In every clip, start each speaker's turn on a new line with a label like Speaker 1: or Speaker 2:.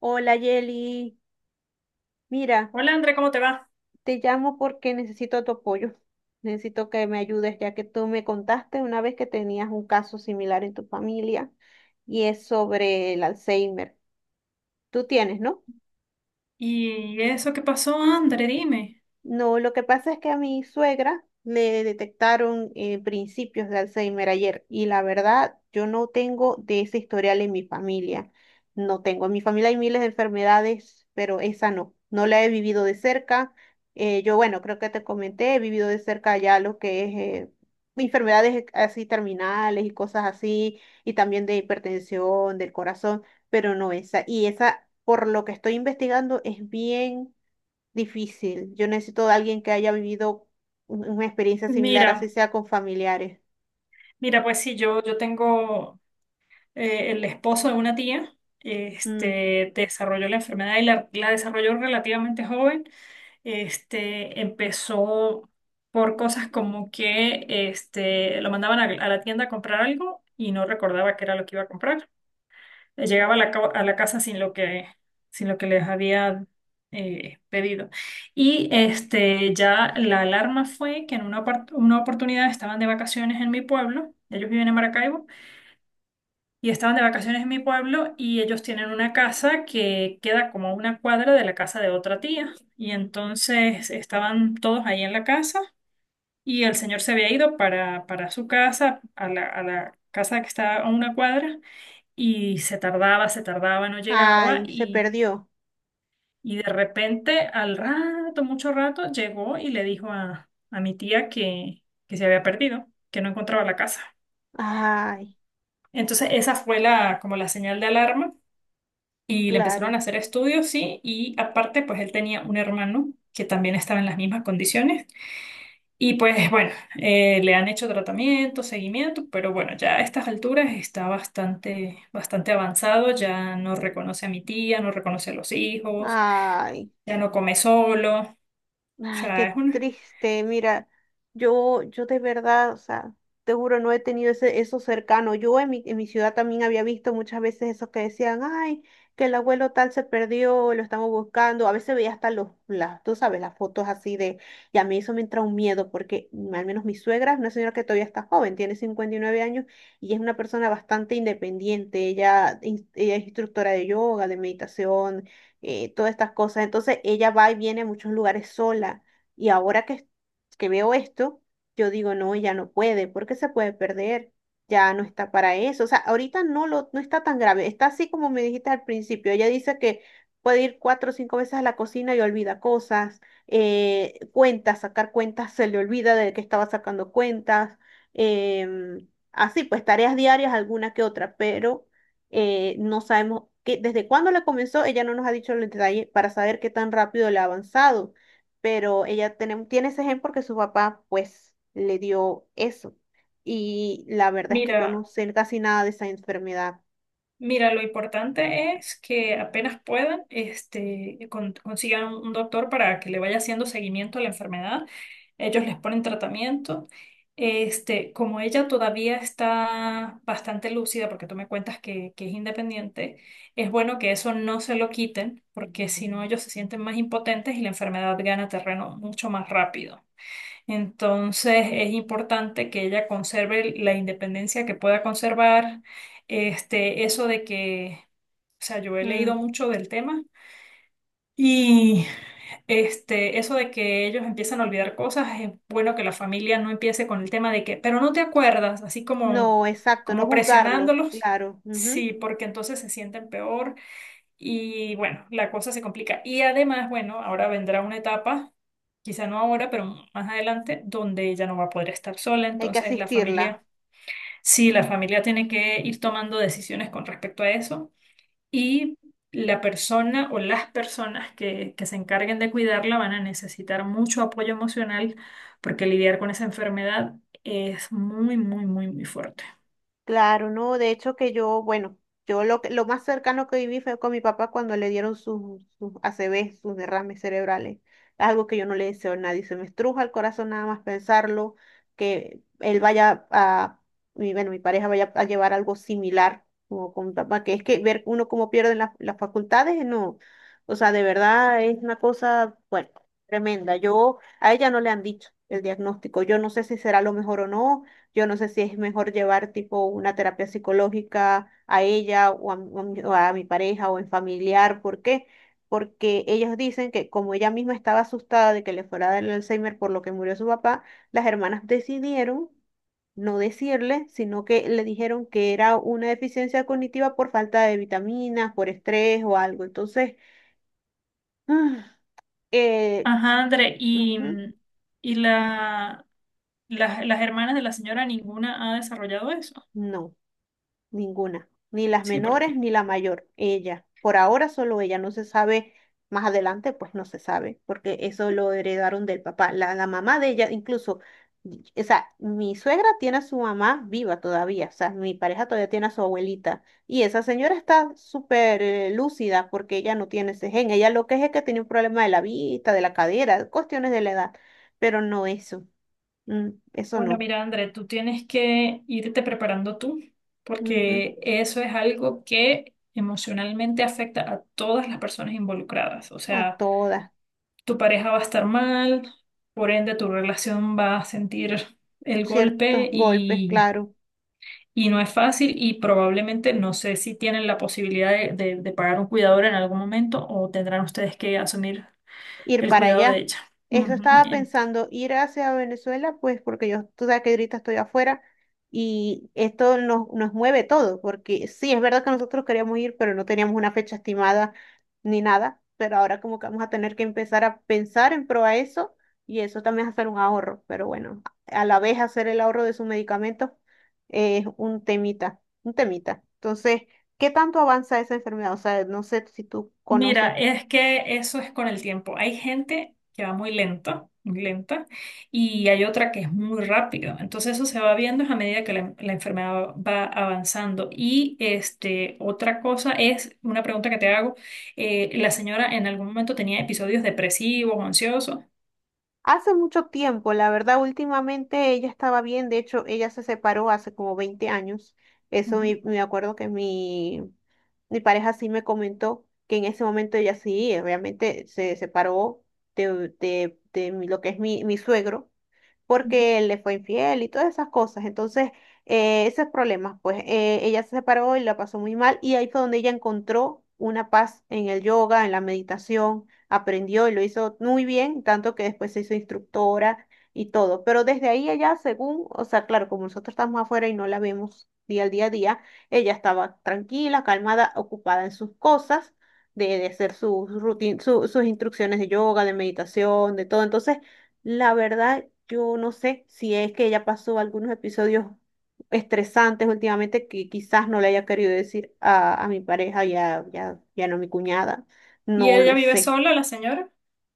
Speaker 1: Hola Yeli, mira,
Speaker 2: Hola André, ¿cómo te va?
Speaker 1: te llamo porque necesito tu apoyo. Necesito que me ayudes, ya que tú me contaste una vez que tenías un caso similar en tu familia y es sobre el Alzheimer. Tú tienes, ¿no?
Speaker 2: ¿Y eso qué pasó, André? Dime.
Speaker 1: No, lo que pasa es que a mi suegra le detectaron principios de Alzheimer ayer, y la verdad yo no tengo de ese historial en mi familia. No tengo. En mi familia hay miles de enfermedades, pero esa no. No la he vivido de cerca. Yo, bueno, creo que te comenté, he vivido de cerca ya lo que es eh, enfermedades así terminales y cosas así, y también de hipertensión, del corazón, pero no esa. Y esa, por lo que estoy investigando, es bien difícil. Yo necesito de alguien que haya vivido una experiencia similar,
Speaker 2: Mira,
Speaker 1: así sea con familiares.
Speaker 2: mira, pues sí, yo tengo el esposo de una tía,
Speaker 1: Mm.
Speaker 2: desarrolló la enfermedad y la desarrolló relativamente joven. Este, empezó por cosas como que este, lo mandaban a la tienda a comprar algo y no recordaba qué era lo que iba a comprar. Llegaba a a la casa sin lo que, sin lo que les había pedido. Y este, ya la alarma fue que en una oportunidad estaban de vacaciones en mi pueblo, ellos viven en Maracaibo, y estaban de vacaciones en mi pueblo y ellos tienen una casa que queda como a una cuadra de la casa de otra tía. Y entonces estaban todos ahí en la casa y el señor se había ido para su casa, a a la casa que está a una cuadra y se tardaba, no llegaba
Speaker 1: Ay, se perdió.
Speaker 2: y de repente, al rato, mucho rato, llegó y le dijo a mi tía que se había perdido, que no encontraba la casa.
Speaker 1: Ay,
Speaker 2: Entonces esa fue la, como la señal de alarma y le empezaron
Speaker 1: claro.
Speaker 2: a hacer estudios, sí, y aparte pues él tenía un hermano que también estaba en las mismas condiciones. Y pues bueno, le han hecho tratamiento, seguimiento, pero bueno, ya a estas alturas está bastante, bastante avanzado, ya no reconoce a mi tía, no reconoce a los hijos,
Speaker 1: Ay.
Speaker 2: ya no come solo. O
Speaker 1: Ay,
Speaker 2: sea, es
Speaker 1: qué
Speaker 2: una...
Speaker 1: triste. Mira, yo de verdad, o sea, te juro, no he tenido eso cercano. Yo en mi ciudad también había visto muchas veces esos que decían, ay, que el abuelo tal se perdió, lo estamos buscando. A veces veía hasta los, las, tú sabes, las fotos así de... Y a mí eso me entra un miedo, porque al menos mi suegra es una señora que todavía está joven, tiene 59 años y es una persona bastante independiente. Ella es instructora de yoga, de meditación, todas estas cosas. Entonces ella va y viene a muchos lugares sola. Y ahora que veo esto, yo digo, no, ya no puede, porque se puede perder, ya no está para eso. O sea, ahorita no, lo, no está tan grave, está así como me dijiste al principio. Ella dice que puede ir cuatro o cinco veces a la cocina y olvida cosas, cuentas, sacar cuentas, se le olvida de que estaba sacando cuentas. em, Así pues, tareas diarias, alguna que otra, pero no sabemos desde cuándo le comenzó. Ella no nos ha dicho el detalle para saber qué tan rápido le ha avanzado, pero ella tiene ese gen porque su papá pues le dio eso. Y la verdad es que yo no
Speaker 2: Mira,
Speaker 1: sé casi nada de esa enfermedad.
Speaker 2: mira, lo importante es que apenas puedan, este, consigan un doctor para que le vaya haciendo seguimiento a la enfermedad. Ellos les ponen tratamiento. Este, como ella todavía está bastante lúcida, porque tú me cuentas que es independiente, es bueno que eso no se lo quiten, porque si no ellos se sienten más impotentes y la enfermedad gana terreno mucho más rápido. Entonces es importante que ella conserve la independencia que pueda conservar, este, eso de que, o sea, yo he leído
Speaker 1: Mm,
Speaker 2: mucho del tema y este, eso de que ellos empiezan a olvidar cosas, es bueno que la familia no empiece con el tema de que, pero no te acuerdas, así como,
Speaker 1: no, exacto, no
Speaker 2: como
Speaker 1: juzgarlo,
Speaker 2: presionándolos,
Speaker 1: claro. Ujú.
Speaker 2: sí, porque entonces se sienten peor y bueno, la cosa se complica. Y además, bueno, ahora vendrá una etapa, quizá no ahora, pero más adelante, donde ella no va a poder estar sola.
Speaker 1: Hay que
Speaker 2: Entonces, la
Speaker 1: asistirla.
Speaker 2: familia, sí, la familia tiene que ir tomando decisiones con respecto a eso. Y la persona o las personas que se encarguen de cuidarla van a necesitar mucho apoyo emocional porque lidiar con esa enfermedad es muy, muy, muy, muy fuerte.
Speaker 1: Claro, no, de hecho que yo, bueno, lo más cercano que viví fue con mi papá cuando le dieron sus ACV, sus derrames cerebrales. Algo que yo no le deseo a nadie, se me estruja el corazón nada más pensarlo, que él vaya a... mi, bueno, mi pareja vaya a llevar algo similar como con mi papá, que es que ver uno cómo pierden las facultades. No, o sea, de verdad es una cosa, bueno, tremenda. Yo, a ella no le han dicho el diagnóstico, yo no sé si será lo mejor o no. Yo no sé si es mejor llevar tipo una terapia psicológica a ella o o a mi pareja o en familiar. ¿Por qué? Porque ellos dicen que como ella misma estaba asustada de que le fuera a dar el Alzheimer por lo que murió su papá, las hermanas decidieron no decirle, sino que le dijeron que era una deficiencia cognitiva por falta de vitaminas, por estrés o algo. Entonces, eh,
Speaker 2: Ajá, André,
Speaker 1: ujú,
Speaker 2: y la... las hermanas de la señora ninguna ha desarrollado eso.
Speaker 1: no. Ninguna, ni las
Speaker 2: Sí,
Speaker 1: menores
Speaker 2: porque
Speaker 1: ni la mayor, ella. Por ahora solo ella, no se sabe, más adelante pues no se sabe, porque eso lo heredaron del papá. La mamá de ella, incluso, o sea, mi suegra tiene a su mamá viva todavía. O sea, mi pareja todavía tiene a su abuelita. Y esa señora está súper lúcida porque ella no tiene ese gen. Ella lo que es que tiene un problema de la vista, de la cadera, cuestiones de la edad, pero no eso. Mm, eso
Speaker 2: bueno,
Speaker 1: no.
Speaker 2: mira, André, tú tienes que irte preparando tú,
Speaker 1: Ujú.
Speaker 2: porque eso es algo que emocionalmente afecta a todas las personas involucradas. O
Speaker 1: A
Speaker 2: sea,
Speaker 1: todas,
Speaker 2: tu pareja va a estar mal, por ende tu relación va a sentir el
Speaker 1: ciertos
Speaker 2: golpe
Speaker 1: golpes, claro.
Speaker 2: y no es fácil y probablemente no sé si tienen la posibilidad de pagar un cuidador en algún momento o tendrán ustedes que asumir
Speaker 1: Ir
Speaker 2: el
Speaker 1: para
Speaker 2: cuidado de
Speaker 1: allá.
Speaker 2: ella.
Speaker 1: Eso
Speaker 2: Ujú.
Speaker 1: estaba pensando, ir hacia Venezuela, pues porque yo, tú sabes que ahorita estoy afuera y esto nos mueve todo, porque sí, es verdad que nosotros queríamos ir, pero no teníamos una fecha estimada ni nada, pero ahora como que vamos a tener que empezar a pensar en pro a eso. Y eso también es hacer un ahorro, pero bueno, a la vez hacer el ahorro de sus medicamentos es un temita, un temita. Entonces, ¿qué tanto avanza esa enfermedad? O sea, no sé si tú conoces.
Speaker 2: Mira, es que eso es con el tiempo. Hay gente que va muy lento, muy lenta, y hay otra que es muy rápido. Entonces eso se va viendo a medida que la enfermedad va avanzando. Y este, otra cosa es, una pregunta que te hago, ¿la señora en algún momento tenía episodios depresivos o ansiosos?
Speaker 1: Hace mucho tiempo, la verdad, últimamente ella estaba bien, de hecho, ella se separó hace como 20 años. Eso
Speaker 2: Ujú,
Speaker 1: me acuerdo que mi pareja sí me comentó que en ese momento ella sí, obviamente se separó lo que es mi suegro,
Speaker 2: ujú.
Speaker 1: porque él le fue infiel y todas esas cosas. Entonces, esos problemas, pues ella se separó y la pasó muy mal, y ahí fue donde ella encontró una paz en el yoga, en la meditación, aprendió y lo hizo muy bien, tanto que después se hizo instructora y todo. Pero desde ahí ella, según, o sea, claro, como nosotros estamos afuera y no la vemos día al día a día, ella estaba tranquila, calmada, ocupada en sus cosas. De hacer sus instrucciones de yoga, de meditación, de todo. Entonces, la verdad, yo no sé si es que ella pasó algunos episodios estresantes últimamente que quizás no le haya querido decir a mi pareja, ya, ya no a mi cuñada,
Speaker 2: ¿Y
Speaker 1: no
Speaker 2: ella
Speaker 1: lo
Speaker 2: vive
Speaker 1: sé.
Speaker 2: sola, la señora?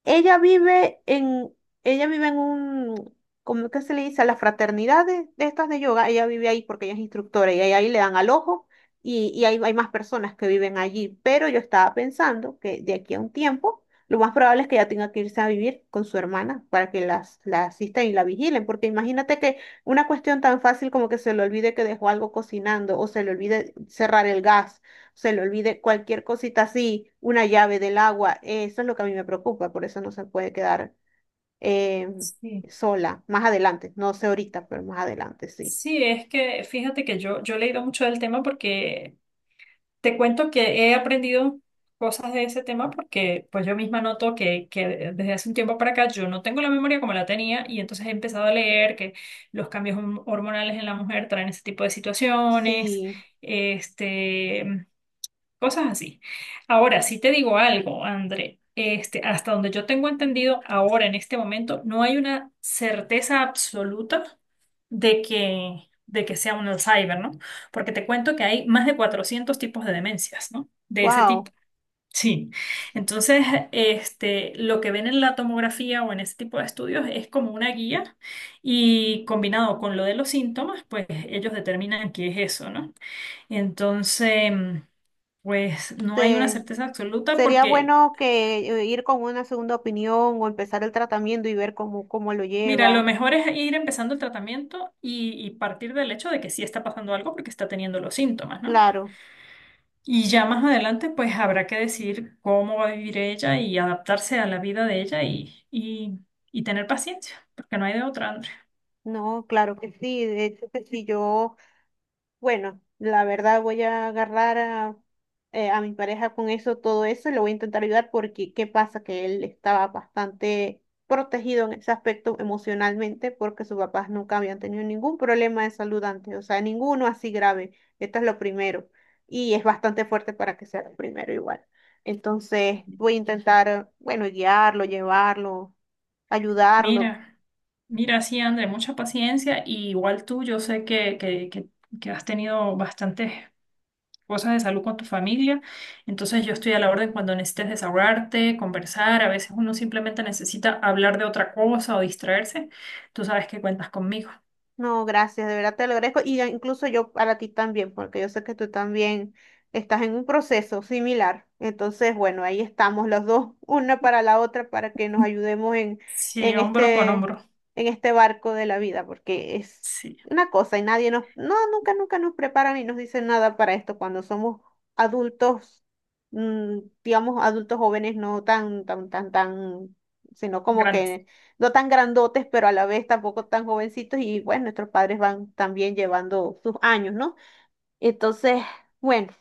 Speaker 1: Ella vive en, ella vive en un... ¿cómo que se le dice? A las fraternidades de estas de yoga, ella vive ahí porque ella es instructora y ahí le dan al ojo, y, hay más personas que viven allí. Pero yo estaba pensando que de aquí a un tiempo lo más probable es que ella tenga que irse a vivir con su hermana para que la asistan y la vigilen, porque imagínate que una cuestión tan fácil como que se le olvide que dejó algo cocinando, o se le olvide cerrar el gas, se le olvide cualquier cosita así, una llave del agua, eso es lo que a mí me preocupa. Por eso no se puede quedar eh,
Speaker 2: Sí.
Speaker 1: sola, más adelante. No sé ahorita, pero más adelante sí.
Speaker 2: Sí, es que fíjate que yo he leído mucho del tema porque te cuento que he aprendido cosas de ese tema porque pues yo misma noto que desde hace un tiempo para acá yo no tengo la memoria como la tenía y entonces he empezado a leer que los cambios hormonales en la mujer traen ese tipo de situaciones.
Speaker 1: Sí,
Speaker 2: Este, cosas así. Ahora, sí te digo algo, André. Este, hasta donde yo tengo entendido, ahora en este momento no hay una certeza absoluta de que sea un Alzheimer, ¿no? Porque te cuento que hay más de 400 tipos de demencias, ¿no? De ese tipo.
Speaker 1: wow.
Speaker 2: Sí. Entonces, este, lo que ven en la tomografía o en ese tipo de estudios es como una guía y combinado con lo de los síntomas, pues ellos determinan qué es eso, ¿no? Entonces, pues no hay una
Speaker 1: se-
Speaker 2: certeza absoluta
Speaker 1: Sería
Speaker 2: porque,
Speaker 1: bueno que ir con una segunda opinión o empezar el tratamiento y ver cómo lo
Speaker 2: mira, lo
Speaker 1: lleva.
Speaker 2: mejor es ir empezando el tratamiento y partir del hecho de que sí está pasando algo porque está teniendo los síntomas, ¿no?
Speaker 1: Claro,
Speaker 2: Y ya más adelante, pues habrá que decidir cómo va a vivir ella y adaptarse a la vida de ella y tener paciencia, porque no hay de otra, André.
Speaker 1: no, claro que sí, de hecho que sí, yo bueno, la verdad voy a agarrar a mi pareja con eso, todo eso, y le voy a intentar ayudar porque qué pasa que él estaba bastante protegido en ese aspecto emocionalmente porque sus papás nunca habían tenido ningún problema de salud antes, o sea, ninguno así grave. Esto es lo primero y es bastante fuerte para que sea lo primero igual. Entonces voy a intentar, bueno, guiarlo, llevarlo, ayudarlo.
Speaker 2: Mira, mira, sí, André, mucha paciencia y igual tú, yo sé que has tenido bastantes cosas de salud con tu familia. Entonces yo estoy a la orden cuando necesites desahogarte, conversar. A veces uno simplemente necesita hablar de otra cosa o distraerse. Tú sabes que cuentas conmigo.
Speaker 1: No, gracias, de verdad te lo agradezco. Y ya incluso yo para ti también, porque yo sé que tú también estás en un proceso similar. Entonces, bueno, ahí estamos los dos, una para la otra, para que nos ayudemos
Speaker 2: Sí,
Speaker 1: en
Speaker 2: hombro con
Speaker 1: este,
Speaker 2: hombro.
Speaker 1: en este barco de la vida, porque es
Speaker 2: Sí,
Speaker 1: una cosa y nadie no, nunca nos preparan ni nos dicen nada para esto cuando somos adultos, mm, digamos, adultos jóvenes, no tan, tan, tan, tan, sino como
Speaker 2: grande.
Speaker 1: que no tan grandotes, pero a la vez tampoco tan jovencitos, y bueno, nuestros padres van también llevando sus años, ¿no? Entonces, bueno.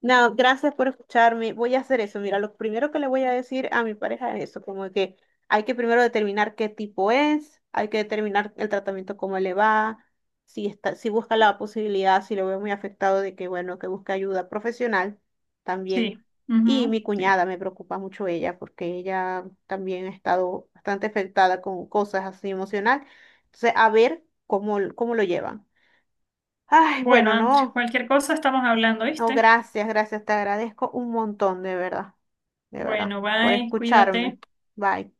Speaker 1: No, gracias por escucharme. Voy a hacer eso. Mira, lo primero que le voy a decir a mi pareja es eso, como que hay que primero determinar qué tipo es, hay que determinar el tratamiento, cómo le va, si está, si busca la posibilidad, si lo veo muy afectado, de que, bueno, que busque ayuda profesional
Speaker 2: Sí.
Speaker 1: también. Y mi
Speaker 2: Ujú, sí.
Speaker 1: cuñada me preocupa mucho ella, porque ella también ha estado bastante afectada con cosas así emocional. Entonces, a ver cómo lo llevan. Ay,
Speaker 2: Bueno,
Speaker 1: bueno,
Speaker 2: antes,
Speaker 1: no.
Speaker 2: cualquier cosa estamos hablando,
Speaker 1: Oh,
Speaker 2: ¿viste?
Speaker 1: gracias, gracias, te agradezco un montón, de verdad,
Speaker 2: Bueno,
Speaker 1: por
Speaker 2: bye, cuídate.
Speaker 1: escucharme. Bye.